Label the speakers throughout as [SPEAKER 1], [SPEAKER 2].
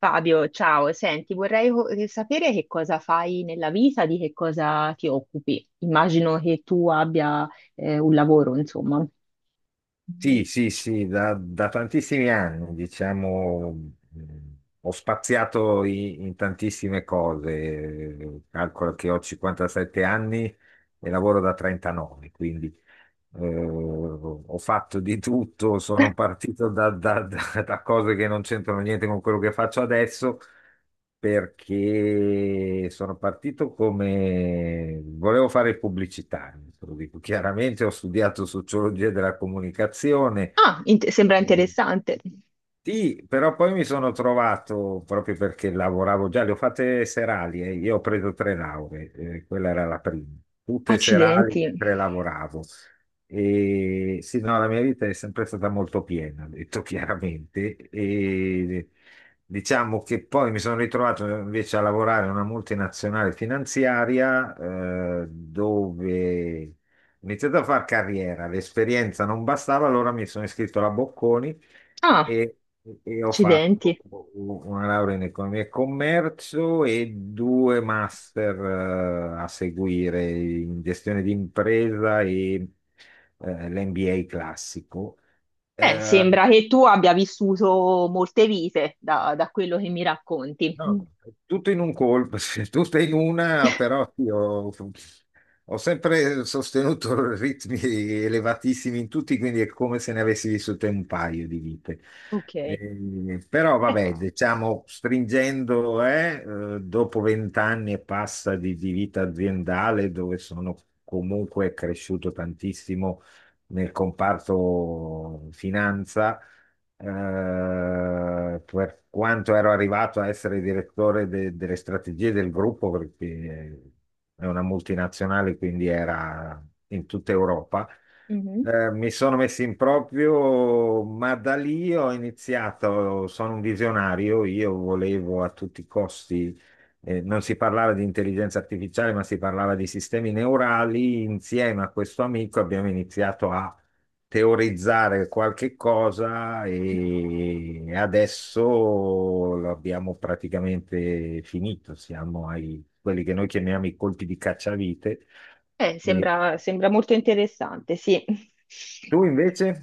[SPEAKER 1] Fabio, ciao, senti, vorrei sapere che cosa fai nella vita, di che cosa ti occupi. Immagino che tu abbia un lavoro, insomma. Mhm.
[SPEAKER 2] Sì, sì, sì, da tantissimi anni, diciamo, ho spaziato in tantissime cose. Calcolo che ho 57 anni e lavoro da 39, quindi ho fatto di tutto, sono partito da cose che non c'entrano niente con quello che faccio adesso, perché sono partito come volevo fare il pubblicitario, te lo dico chiaramente, ho studiato sociologia della comunicazione.
[SPEAKER 1] Ah, sembra
[SPEAKER 2] ehm,
[SPEAKER 1] interessante.
[SPEAKER 2] sì, però poi mi sono trovato, proprio perché lavoravo già, le ho fatte serali. Io ho preso tre lauree, quella era la prima, tutte serali
[SPEAKER 1] Accidenti.
[SPEAKER 2] mentre lavoravo. E sì, no, la mia vita è sempre stata molto piena, ho detto chiaramente, e diciamo che poi mi sono ritrovato invece a lavorare in una multinazionale finanziaria, dove ho iniziato a fare carriera, l'esperienza non bastava, allora mi sono iscritto alla Bocconi
[SPEAKER 1] Ah,
[SPEAKER 2] e, e ho fatto
[SPEAKER 1] accidenti.
[SPEAKER 2] una laurea in economia e commercio e due master a seguire in gestione di impresa e l'MBA classico. Eh,
[SPEAKER 1] Sembra che tu abbia vissuto molte vite da, da quello che mi racconti. Mm,
[SPEAKER 2] No, è tutto in un colpo, sì, tutto in una, però sì, ho sempre sostenuto ritmi elevatissimi in tutti, quindi è come se ne avessi vissute un paio di vite.
[SPEAKER 1] ok.
[SPEAKER 2] Però vabbè, diciamo, stringendo, dopo vent'anni e passa di vita aziendale, dove sono comunque cresciuto tantissimo nel comparto finanza. Per quanto ero arrivato a essere direttore delle strategie del gruppo, perché è una multinazionale, quindi era in tutta Europa.
[SPEAKER 1] Mhm.
[SPEAKER 2] Mi sono messo in proprio, ma da lì ho iniziato, sono un visionario, io volevo a tutti i costi, non si parlava di intelligenza artificiale, ma si parlava di sistemi neurali. Insieme a questo amico abbiamo iniziato a teorizzare qualche cosa e adesso l'abbiamo praticamente finito, siamo ai quelli che noi chiamiamo i colpi di cacciavite. E
[SPEAKER 1] Sembra, sembra molto interessante, sì.
[SPEAKER 2] tu invece?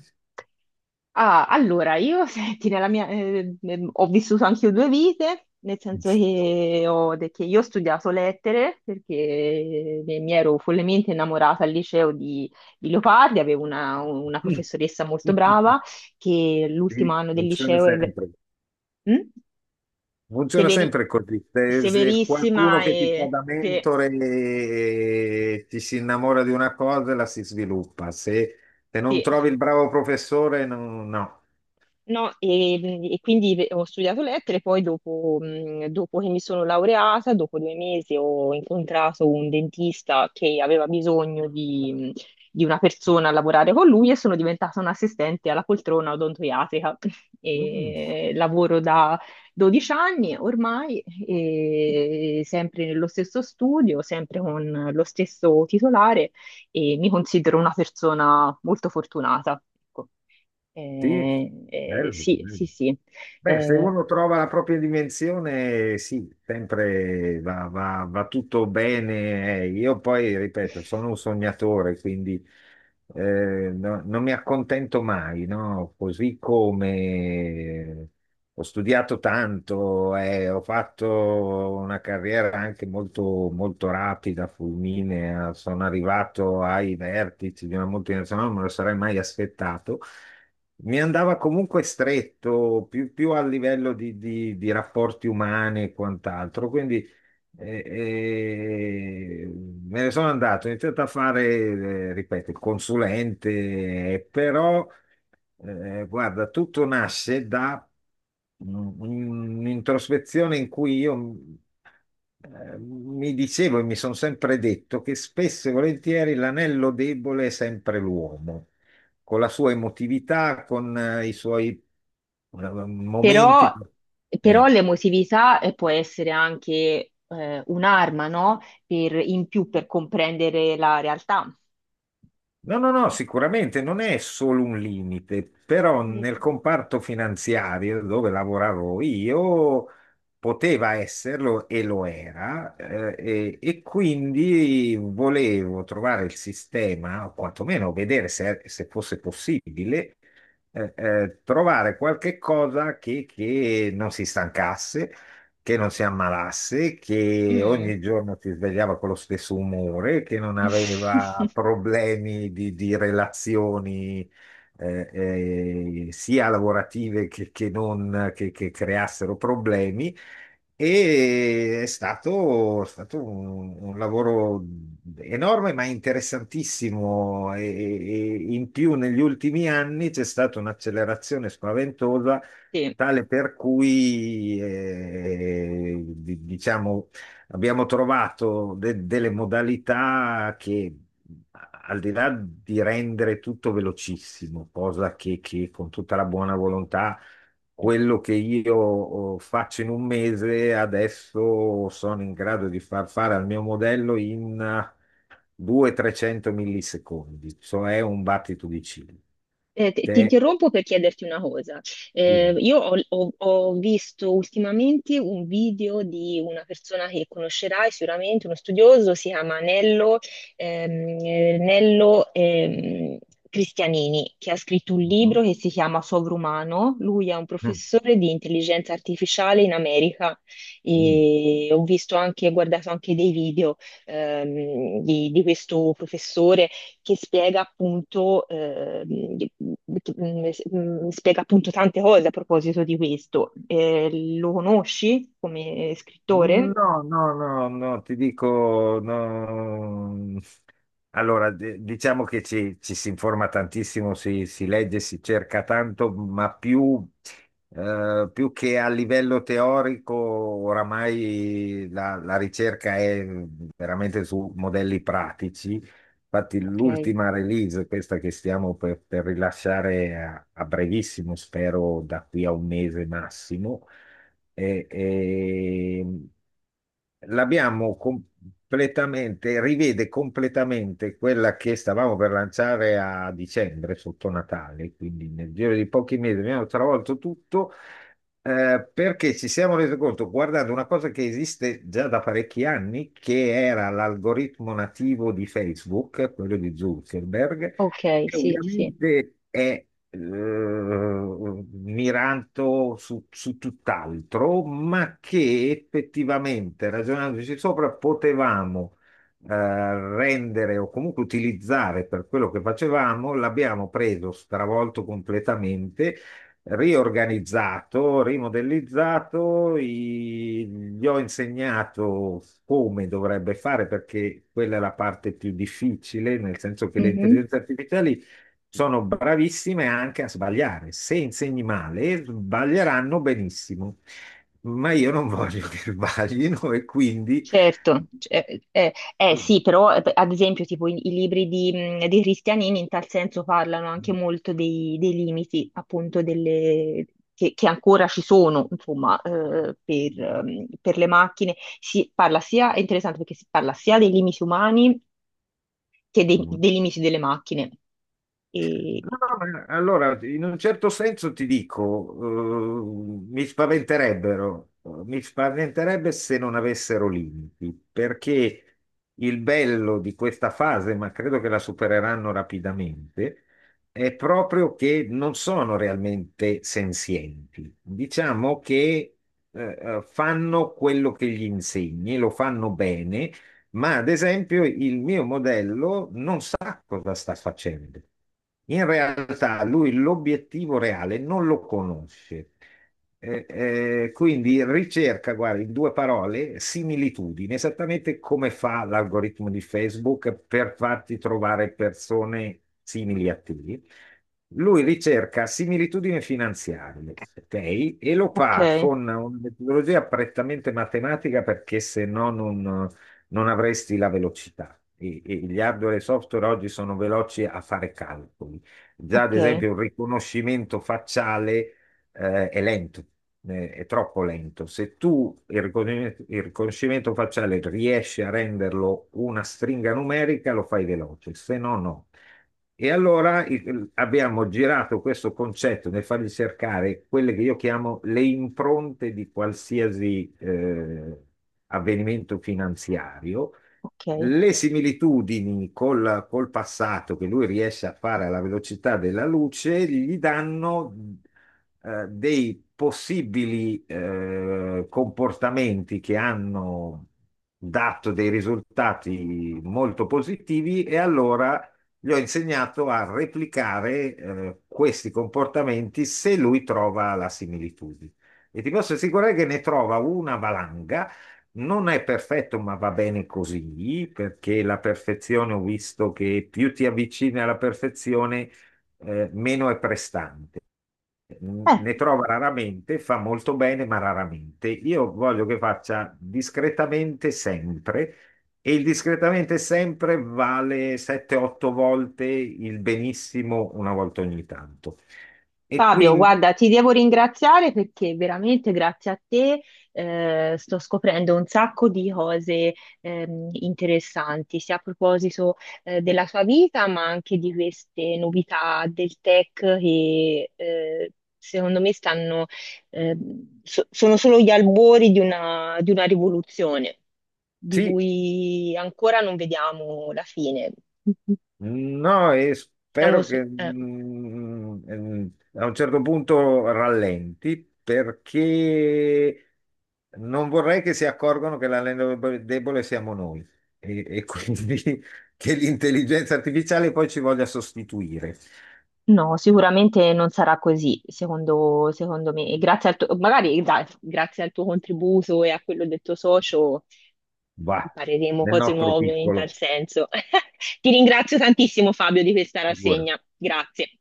[SPEAKER 1] Ah, allora, io, senti, nella mia, ho vissuto anche io due vite, nel senso che, io ho studiato lettere perché mi ero follemente innamorata al liceo di Leopardi, avevo una
[SPEAKER 2] Sì,
[SPEAKER 1] professoressa molto brava che l'ultimo anno del
[SPEAKER 2] funziona
[SPEAKER 1] liceo
[SPEAKER 2] sempre.
[SPEAKER 1] Mm?
[SPEAKER 2] Funziona
[SPEAKER 1] Severi-
[SPEAKER 2] sempre così. Se qualcuno
[SPEAKER 1] severissima
[SPEAKER 2] che ti fa
[SPEAKER 1] e...
[SPEAKER 2] da
[SPEAKER 1] Sì,
[SPEAKER 2] mentore ti si innamora di una cosa, e la si sviluppa. Se non
[SPEAKER 1] sì.
[SPEAKER 2] trovi il bravo professore, no. No.
[SPEAKER 1] No, e quindi ho studiato lettere, poi dopo, dopo che mi sono laureata, dopo due mesi ho incontrato un dentista che aveva bisogno di una persona a lavorare con lui e sono diventata un'assistente alla poltrona odontoiatrica.
[SPEAKER 2] Mm.
[SPEAKER 1] E lavoro da 12 anni ormai, e sempre nello stesso studio, sempre con lo stesso titolare e mi considero una persona molto fortunata. Ecco.
[SPEAKER 2] Sì, bello,
[SPEAKER 1] Sì, sì,
[SPEAKER 2] bello.
[SPEAKER 1] sì.
[SPEAKER 2] Beh, se
[SPEAKER 1] Eh,
[SPEAKER 2] uno trova la propria dimensione, sì, sempre va tutto bene. Io poi, ripeto, sono un sognatore, quindi eh, non mi accontento mai, no? Così come ho studiato tanto, ho fatto una carriera anche molto, molto rapida, fulminea, sono arrivato ai vertici di una multinazionale, non me lo sarei mai aspettato. Mi andava comunque stretto, più, più a livello di rapporti umani e quant'altro, quindi eh, eh, me ne sono andato, ho iniziato a fare, ripeto, il consulente, però. Guarda, tutto nasce da un- un'introspezione in cui io mi dicevo e mi sono sempre detto che spesso e volentieri l'anello debole è sempre l'uomo, con la sua emotività, con i suoi
[SPEAKER 1] però,
[SPEAKER 2] momenti.
[SPEAKER 1] però
[SPEAKER 2] eh,
[SPEAKER 1] l'emotività può essere anche un'arma, no? Per, in più per comprendere la realtà.
[SPEAKER 2] No, no, no, sicuramente non è solo un limite, però
[SPEAKER 1] Mm.
[SPEAKER 2] nel comparto finanziario dove lavoravo io poteva esserlo e lo era, e quindi volevo trovare il sistema, o quantomeno vedere se fosse possibile, trovare qualche cosa che non si stancasse che non si ammalasse, che
[SPEAKER 1] Mm.
[SPEAKER 2] ogni giorno si svegliava con lo stesso umore, che non aveva problemi di relazioni eh, sia lavorative che non che creassero problemi. E è stato un lavoro enorme ma interessantissimo e in più negli ultimi anni c'è stata un'accelerazione spaventosa
[SPEAKER 1] Sì.
[SPEAKER 2] Tale per cui, diciamo, abbiamo trovato delle modalità che, al di là di rendere tutto velocissimo, cosa che con tutta la buona volontà, quello che io faccio in un mese, adesso sono in grado di far fare al mio modello in 200-300 millisecondi, cioè un battito di ciglia.
[SPEAKER 1] Ti
[SPEAKER 2] Cioè,
[SPEAKER 1] interrompo per chiederti una cosa.
[SPEAKER 2] mm,
[SPEAKER 1] Io ho, ho visto ultimamente un video di una persona che conoscerai sicuramente, uno studioso, si chiama Nello, ehm, Nello, Cristianini, che ha scritto un
[SPEAKER 2] mm,
[SPEAKER 1] libro che si chiama Sovrumano. Lui è un professore di intelligenza artificiale in America
[SPEAKER 2] mm.
[SPEAKER 1] e ho visto anche, ho guardato anche dei video di questo professore che spiega appunto, che- spiega appunto tante cose a proposito di questo. Lo conosci come scrittore?
[SPEAKER 2] No, no, no, no, ti dico, no. Allora, diciamo che ci si informa tantissimo, si legge, si cerca tanto, ma più, più che a livello teorico, oramai la ricerca è veramente su modelli pratici. Infatti
[SPEAKER 1] Ok,
[SPEAKER 2] l'ultima release, questa che stiamo per rilasciare a brevissimo, spero da qui a un mese massimo, è- è- l'abbiamo completamente, rivede completamente quella che stavamo per lanciare a dicembre, sotto Natale, quindi nel giro di pochi mesi abbiamo travolto tutto perché ci siamo resi conto, guardando una cosa che esiste già da parecchi anni, che era l'algoritmo nativo di Facebook, quello di Zuckerberg,
[SPEAKER 1] ok,
[SPEAKER 2] che
[SPEAKER 1] sì, sì.
[SPEAKER 2] ovviamente è mirato su tutt'altro, ma che effettivamente, ragionandoci sopra, potevamo rendere o comunque utilizzare per quello che facevamo, l'abbiamo preso stravolto completamente riorganizzato, rimodellizzato, gli ho insegnato come dovrebbe fare perché quella è la parte più difficile, nel senso che le intelligenze artificiali sono bravissime anche a sbagliare. Se insegni male, sbaglieranno benissimo, ma io non voglio che sbaglino e quindi.
[SPEAKER 1] Certo, sì, però ad esempio tipo i, i libri di Cristianini in tal senso parlano anche molto dei, che ancora ci sono insomma per le macchine. Si parla sia, è interessante perché si parla sia dei limiti umani che dei, dei limiti delle macchine. E-
[SPEAKER 2] No, no, ma allora, in un certo senso ti dico, mi spaventerebbero, mi spaventerebbe se non avessero limiti, perché il bello di questa fase, ma credo che la supereranno rapidamente, è proprio che non sono realmente senzienti. Diciamo che fanno quello che gli insegni, lo fanno bene. Ma ad esempio il mio modello non sa cosa sta facendo. In realtà lui l'obiettivo reale non lo conosce. Quindi ricerca, guarda, in due parole, similitudini, esattamente come fa l'algoritmo di Facebook per farti trovare persone simili a te. Lui ricerca similitudini finanziarie, ok? E lo fa
[SPEAKER 1] ok,
[SPEAKER 2] con una metodologia prettamente matematica perché se no non avresti la velocità. E gli hardware e software oggi sono veloci a fare calcoli. Già, ad
[SPEAKER 1] ok,
[SPEAKER 2] esempio, un riconoscimento facciale, è lento, è troppo lento. Se tu il riconoscimento facciale riesci a renderlo una stringa numerica, lo fai veloce, se no, no. E allora abbiamo girato questo concetto nel fargli cercare quelle che io chiamo le impronte di qualsiasi avvenimento finanziario,
[SPEAKER 1] ok.
[SPEAKER 2] le similitudini col passato che lui riesce a fare alla velocità della luce, gli danno dei possibili comportamenti che hanno dato dei risultati molto positivi e allora gli ho insegnato a replicare questi comportamenti se lui trova la similitudine. E ti posso assicurare che ne trova una valanga. Non è perfetto, ma va bene così, perché la perfezione ho visto che più ti avvicini alla perfezione, meno è prestante
[SPEAKER 1] Eh,
[SPEAKER 2] ne trova raramente, fa molto bene, ma raramente. Io voglio che faccia discretamente sempre. E il discretamente sempre vale 7-8 volte il benissimo una volta ogni tanto. E
[SPEAKER 1] Fabio,
[SPEAKER 2] quindi
[SPEAKER 1] guarda, ti devo ringraziare perché veramente grazie a te sto scoprendo un sacco di cose interessanti, sia a proposito della tua vita, ma anche di queste novità del tech che secondo me stanno, sono solo gli albori di una rivoluzione di
[SPEAKER 2] sì,
[SPEAKER 1] cui ancora non vediamo la fine.
[SPEAKER 2] No, e
[SPEAKER 1] Siamo
[SPEAKER 2] spero
[SPEAKER 1] su-
[SPEAKER 2] che
[SPEAKER 1] eh.
[SPEAKER 2] a un certo punto rallenti perché non vorrei che si accorgano che l'anello debole siamo noi e quindi che l'intelligenza artificiale poi ci voglia sostituire.
[SPEAKER 1] No, sicuramente non sarà così, secondo, secondo me. E grazie al tuo, magari dai, grazie al tuo contributo e a quello del tuo socio
[SPEAKER 2] Va,
[SPEAKER 1] impareremo
[SPEAKER 2] nel
[SPEAKER 1] cose
[SPEAKER 2] nostro
[SPEAKER 1] nuove in tal
[SPEAKER 2] piccolo,
[SPEAKER 1] senso. Ti ringrazio tantissimo, Fabio, di questa
[SPEAKER 2] figurati.
[SPEAKER 1] rassegna. Grazie.